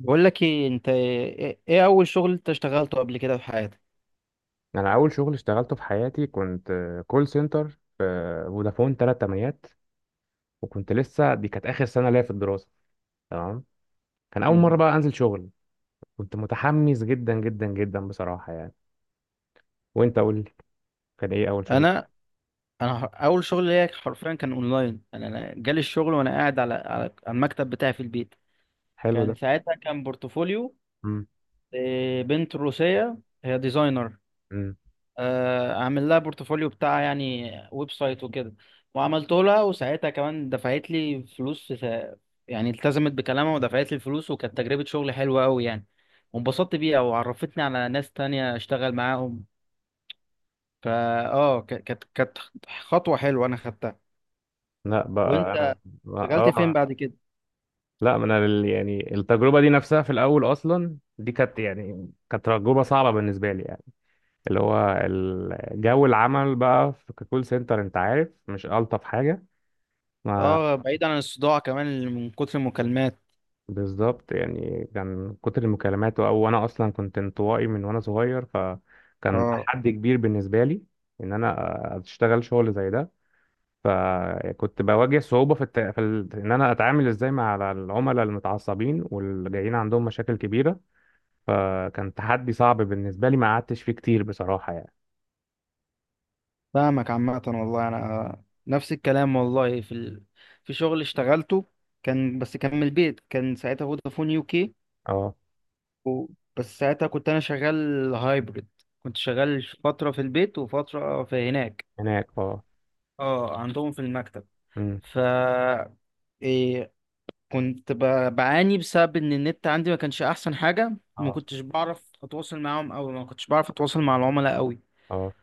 بقول لك ايه، انت ايه إيه اول شغل انت اشتغلته قبل كده في حياتك؟ انا اول شغل اشتغلته في حياتي كنت كول سنتر في فودافون ثلاث تمانيات. وكنت لسه، دي كانت اخر سنه ليا في الدراسه، تمام. كان اول مم. مره بقى انزل شغل، كنت متحمس جدا جدا جدا بصراحه يعني. وانت قول لي، كان ايه اول شغل؟ انا انا اول شغل ليا حرفيا كان اونلاين. انا جالي الشغل وانا قاعد على على المكتب بتاعي في البيت. حلو كان ده. ساعتها كان بورتفوليو امم بنت روسية، هي ديزاينر. امم اعمل لها بورتفوليو بتاع يعني ويب سايت وكده. وعملته لها وساعتها كمان دفعت لي فلوس في يعني التزمت بكلامها ودفعت لي الفلوس، وكانت تجربة شغل حلوة قوي يعني. وانبسطت بيها وعرفتني على ناس تانية اشتغل معاهم. فا اه ك- كانت كانت خطوة حلوة انا خدتها. لا بقى. انا وانت اه. اشتغلت فين آه. بعد كده؟ لا، ما انا يعني التجربه دي نفسها في الاول، اصلا دي كانت يعني كانت تجربه صعبه بالنسبه لي يعني. اللي هو جو العمل بقى في كول سنتر، انت عارف، مش الطف حاجه. ما اه، بعيد عن الصداع كمان اللي من كتر المكالمات. بالظبط يعني، كان من كتر المكالمات، او انا اصلا كنت انطوائي من وانا صغير، فكان اه، تحدي كبير بالنسبه لي ان انا اشتغل شغل زي ده. فكنت بواجه صعوبه في ان انا اتعامل ازاي مع العملاء المتعصبين واللي جايين عندهم مشاكل كبيره. فكان تحدي صعب بالنسبه لي، ما قعدتش فيه كتير بصراحه يعني. فاهمك. عامة والله انا نفس الكلام. والله في شغل اشتغلته، كان بس كان من البيت، كان ساعتها فودافون يو كي اه. و... بس ساعتها كنت انا شغال هايبرد. كنت شغال فترة في البيت وفترة في هناك. هناك اه. اه، عندهم في المكتب. امم ف إيه، كنت بعاني بسبب ان النت عندي ما كانش احسن حاجه. ما اه كنتش بعرف اتواصل معاهم، او ما كنتش بعرف اتواصل مع العملاء قوي. اه.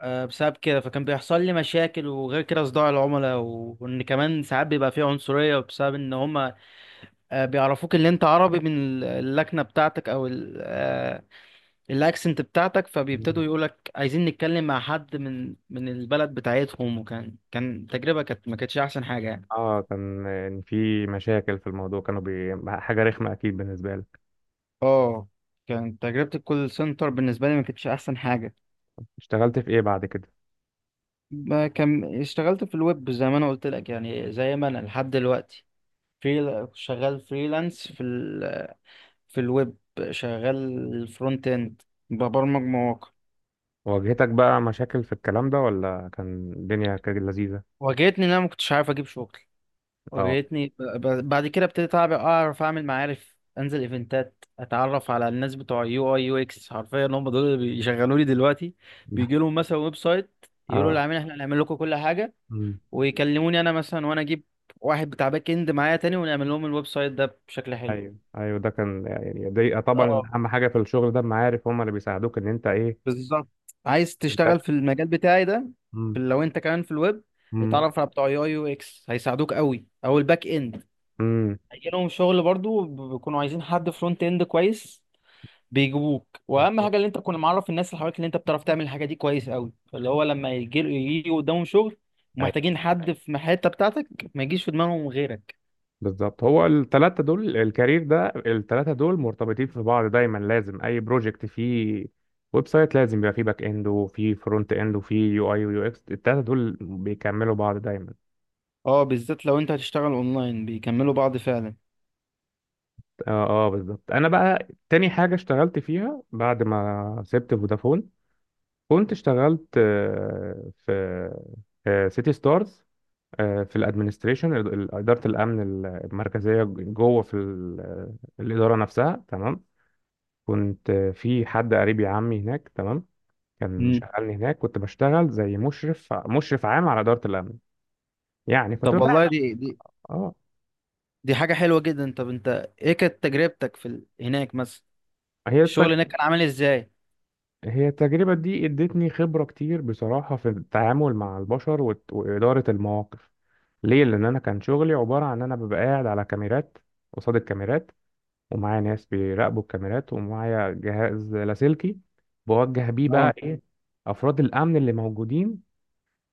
أه بسبب كده فكان بيحصل لي مشاكل، وغير كده صداع العملاء وان كمان ساعات بيبقى فيه عنصريه بسبب ان هما أه بيعرفوك ان انت عربي من اللكنه بتاعتك او ال- أه الاكسنت بتاعتك، فبيبتدوا مم. يقولك عايزين نتكلم مع حد من البلد بتاعتهم. وكان تجربه كانت ما كانتش احسن حاجه يعني. اه، كان في مشاكل في الموضوع، حاجه رخمه اكيد بالنسبه لي. اه، كانت تجربة الكول سنتر بالنسبة لي ما كانتش أحسن حاجة. اشتغلت في ايه بعد كده؟ ما كان اشتغلت في الويب زي ما انا قلت لك يعني، زي ما انا لحد دلوقتي شغال فريلانس في الويب، شغال فرونت اند، ببرمج مواقع. واجهتك بقى مشاكل في الكلام ده، ولا كان الدنيا كانت لذيذة؟ واجهتني ان انا ما كنتش عارف اجيب شغل. اه. بعد كده ابتديت اعرف اعمل معارف، انزل ايفنتات، اتعرف على الناس بتوع يو اي يو اكس. حرفيا هم دول اللي بيشغلوا لي دلوقتي. بيجي لهم مثلا ويب سايت، يقولوا اه. للعميل احنا هنعمل لكم كل حاجه، مم. ويكلموني انا مثلا، وانا اجيب واحد بتاع باك اند معايا تاني ونعمل لهم الويب سايت ده بشكل حلو. ايوه ايوه، ده كان يعني، دي طبعا اه، اهم حاجة في الشغل ده، المعارف هم اللي بيساعدوك ان انت ايه. بالظبط. عايز تشتغل تنتشر. في المجال بتاعي ده. مم. لو انت كمان في الويب امم اتعرف على بتوع يو اكس هيساعدوك قوي، او الباك اند امم هيجي لهم شغل برضو. بيكونوا عايزين حد فرونت اند كويس، بيجيبوك. واهم بالظبط. حاجه اللي انت تكون معرف الناس اللي حواليك اللي انت بتعرف تعمل الحاجه دي كويس قوي، اللي هو لما يجي قدامهم شغل ايوه ومحتاجين حد في الحته بتاعتك ما يجيش في دماغهم غيرك. بالظبط، هو الثلاثة دول الكارير ده، الثلاثة دول مرتبطين في بعض دايما، لازم اي بروجكت فيه ويب سايت لازم يبقى فيه باك اند وفيه فرونت اند وفيه يو اي ويو اكس، الثلاثة دول بيكملوا بعض دايما. اه، بالذات لو انت هتشتغل اونلاين بيكملوا بعض فعلا. اه اه بالظبط. انا بقى تاني حاجه اشتغلت فيها بعد ما سبت فودافون، كنت اشتغلت في في سيتي ستارز. في الادمنستريشن، اداره الامن المركزيه، جوه في الاداره نفسها، تمام. كنت في حد قريبي، عمي، هناك، تمام. كان مم. مشغلني هناك، كنت بشتغل زي مشرف، مشرف عام على اداره الامن يعني. كنت طب ببقى والله دي اه. دي حاجة حلوة جدا. طب انت ايه كانت تجربتك هناك مثلا؟ هي، الشغل هناك كان عامل ازاي؟ هي التجربة دي ادتني خبرة كتير بصراحة في التعامل مع البشر وإدارة المواقف. ليه؟ لأن أنا كان شغلي عبارة عن إن أنا ببقى قاعد على كاميرات، قصاد الكاميرات، ومعايا ناس بيراقبوا الكاميرات، ومعايا جهاز لاسلكي بوجه بيه اه، بقى إيه أفراد الأمن اللي موجودين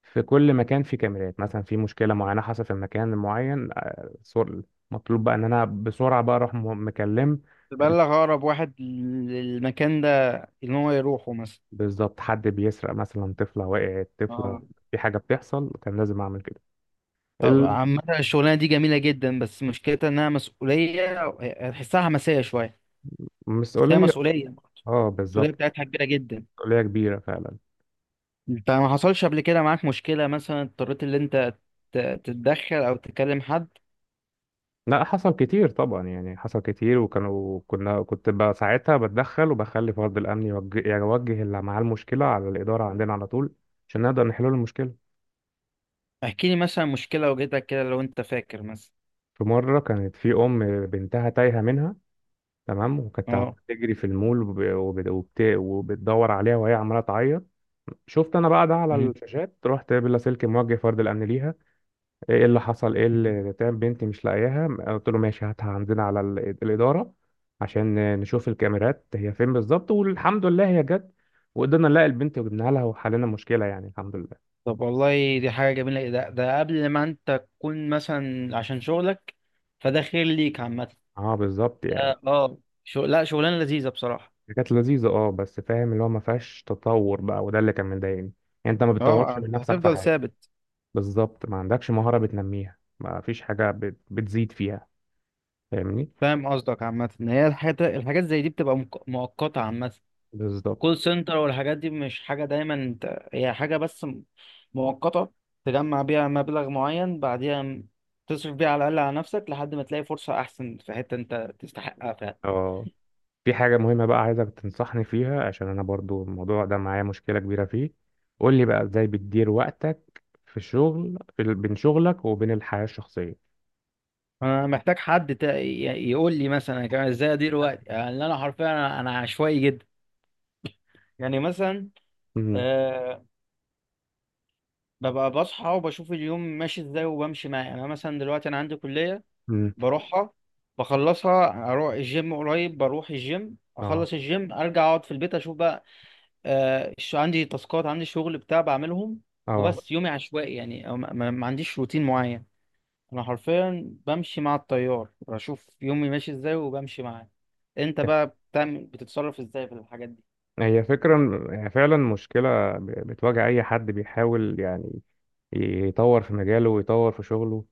في كل مكان، في كاميرات مثلا، في مشكلة معينة حصلت في مكان معين، مطلوب بقى إن أنا بسرعة بقى أروح مكلم. تبلغ اقرب واحد للمكان ده ان هو يروحه مثلا. بالظبط، حد بيسرق مثلا، طفلة وقعت طفلة، اه، في حاجة بتحصل، كان لازم أعمل كده. طب مم. عامة الشغلانة دي جميلة جدا، بس مشكلتها انها مسؤولية. هتحسها حماسية شوية، بس هي المسؤولية. مسؤولية برضه. اه المسؤولية بالظبط، بتاعتها كبيرة جدا. مسؤولية كبيرة فعلا. انت ما حصلش قبل كده معاك مشكلة، مثلا اضطريت ان انت ت- تتدخل او تكلم حد؟ لا حصل كتير طبعا يعني، حصل كتير، وكانوا كنا كنت بقى ساعتها بتدخل، وبخلي فرد الأمن يوجه, يعني يوجه اللي معاه المشكلة على الإدارة عندنا على طول، عشان نقدر نحل له المشكلة. احكي لي مثلا مشكلة واجهتك كده لو انت فاكر مثلا. في مرة كانت في أم بنتها تايهة منها، تمام، وكانت عمالة اه. تجري في المول وبتدور عليها وهي عمالة تعيط. شفت انا بقى ده على مم. الشاشات، رحت بلاسلكي موجه فرد الامن ليها. ايه اللي حصل؟ ايه اللي تعمل؟ بنتي مش لاقياها. قلت له ماشي، هاتها عندنا على الاداره عشان نشوف الكاميرات هي فين بالظبط. والحمد لله هي جت، وقدرنا نلاقي البنت وجبناها لها وحلينا المشكله يعني، الحمد لله. طب والله دي حاجة جميلة. ده ده قبل ما انت تكون مثلا عشان شغلك، فده خير ليك عامة. اه بالظبط يعني. ده- اه شغل، لا شغلانة لذيذة بصراحة. كانت لذيذه اه، بس فاهم اللي هو ما فيهاش تطور بقى، وده اللي كان مضايقني. يعني انت ما بتطورش اه، من نفسك في هتفضل حاجه. ثابت. بالظبط، ما عندكش مهاره بتنميها، ما فيش حاجه بتزيد فيها، فاهمني. فاهم قصدك. عامة ان هي الحاجات زي دي بتبقى مؤقتة عامة. بالظبط. كول سنتر والحاجات دي مش حاجة دايما انت، هي حاجة بس مؤقتة. تجمع بيها مبلغ معين، بعديها تصرف بيها على الأقل على نفسك لحد ما تلاقي فرصة أحسن في حتة أنت تستحقها فعلا. اه، في حاجة مهمة بقى عايزك تنصحني فيها، عشان أنا برضو الموضوع ده معايا مشكلة كبيرة فيه. قول لي بقى إزاي بتدير وقتك في الشغل، في بين شغلك وبين الحياة الشخصية. أنا محتاج حد يقول لي مثلا أنا كمان إزاي أدير وقتي. يعني أنا حرفيا أنا عشوائي جدا. يعني مثلا امم أه ببقى بصحى وبشوف اليوم ماشي إزاي وبمشي معاه. يعني أنا مثلا دلوقتي أنا عندي كلية، امم بروحها، بخلصها، اروح الجيم قريب، بروح الجيم، اه اخلص الجيم، ارجع اقعد في البيت، اشوف بقى عندي تاسكات، عندي شغل بتاع بعملهم. اه. وبس يومي عشوائي يعني، أو ما عنديش روتين معين. انا حرفيا بمشي مع التيار، بشوف يومي ماشي ازاي وبمشي معاه. انت بقى بتتصرف ازاي في الحاجات دي؟ هي فكرة، هي فعلا مشكلة بتواجه أي حد بيحاول يعني يطور في مجاله ويطور في شغله.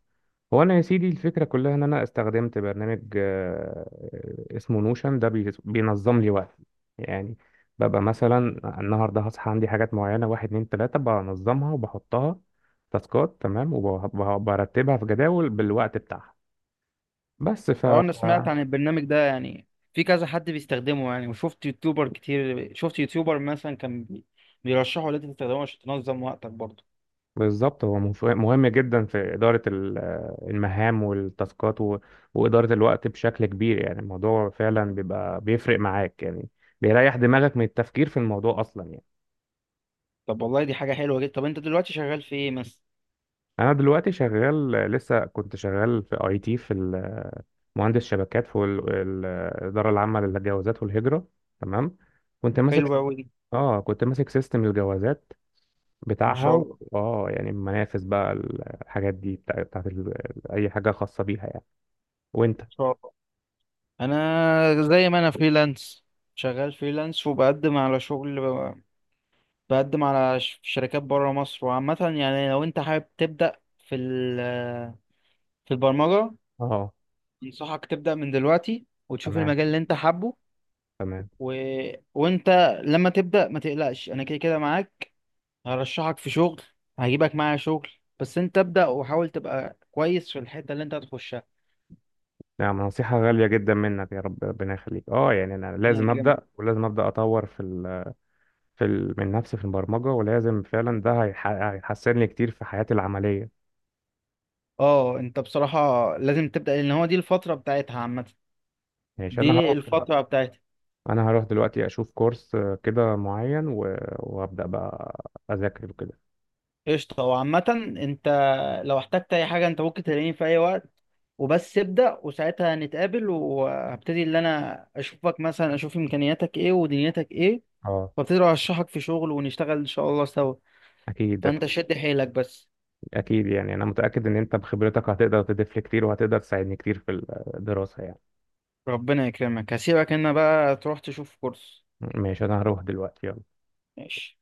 هو انا يا سيدي، الفكره كلها ان انا استخدمت برنامج اسمه نوشن، ده بينظم لي وقتي. يعني ببقى مثلا النهارده هصحى عندي حاجات معينه، واحد اتنين تلاته، بنظمها وبحطها تاسكات تمام، وبرتبها في جداول بالوقت بتاعها. بس ف. اه، انا سمعت تمام. عن البرنامج ده يعني. في كذا حد بيستخدمه يعني. وشفت يوتيوبر كتير، شفت يوتيوبر مثلا كان بيرشحه ان انت تستخدمه عشان تنظم وقتك برضه. بالظبط، هو مهم جدا في اداره المهام والتاسكات واداره الوقت بشكل كبير. يعني الموضوع فعلا بيبقى بيفرق معاك يعني، بيريح دماغك من التفكير في الموضوع اصلا يعني. طب والله دي حاجة حلوة جدا. طب انت دلوقتي شغال في ايه مثلا؟ انا دلوقتي شغال، لسه كنت شغال في اي تي، في مهندس شبكات في الاداره العامه للجوازات والهجره، تمام. كنت حلو ماسك. قوي. اه كنت ماسك سيستم الجوازات ما بتاعها شاء و... الله، اه يعني منافس بقى الحاجات دي، بتاعت اي حاجه خاصه بيها يعني. وانت. ما شاء الله. انا زي ما انا فريلانس، شغال فريلانس وبقدم على شغل، بقدم على شركات بره مصر. وعامة يعني لو انت حابب تبدأ في البرمجة اه. انصحك تبدأ من دلوقتي، وتشوف تمام. المجال اللي انت حابه. تمام. و... وانت لما تبدأ ما تقلقش، انا كده كده معاك، هرشحك في شغل، هجيبك معايا شغل. بس انت ابدأ وحاول تبقى كويس في الحتة اللي انت هتخشها. نعم، نصيحه غاليه جدا منك، يا رب ربنا يخليك. اه يعني انا ربنا لازم يكرمك. ابدا، ولازم ابدا اطور في ال... في ال... من نفسي في البرمجه، ولازم فعلا ده هيحسن لي كتير في حياتي العمليه. اه انت بصراحة لازم تبدأ، لان هو دي الفترة بتاعتها عامة، ماشي، انا دي هروح دلوقتي. الفترة بتاعتي. انا هروح دلوقتي اشوف كورس كده معين و... وابدا بقى اذاكر وكده. قشطة. وعامة انت لو احتجت اي حاجة انت ممكن تلاقيني في اي وقت. وبس ابدأ، وساعتها هنتقابل وهبتدي اللي انا اشوفك مثلا، اشوف امكانياتك ايه ودنيتك ايه، اه وابتدي ارشحك في شغل ونشتغل ان شاء الله سوا. اكيد اكيد. فانت شد حيلك بس. أكيد يعني، انا متاكد ان انت بخبرتك هتقدر تضيف لي كتير، وهتقدر تساعدني كتير في الدراسه يعني. ربنا يكرمك، هسيبك هنا بقى تروح تشوف كورس. ماشي، انا هروح دلوقتي، يلا. ماشي.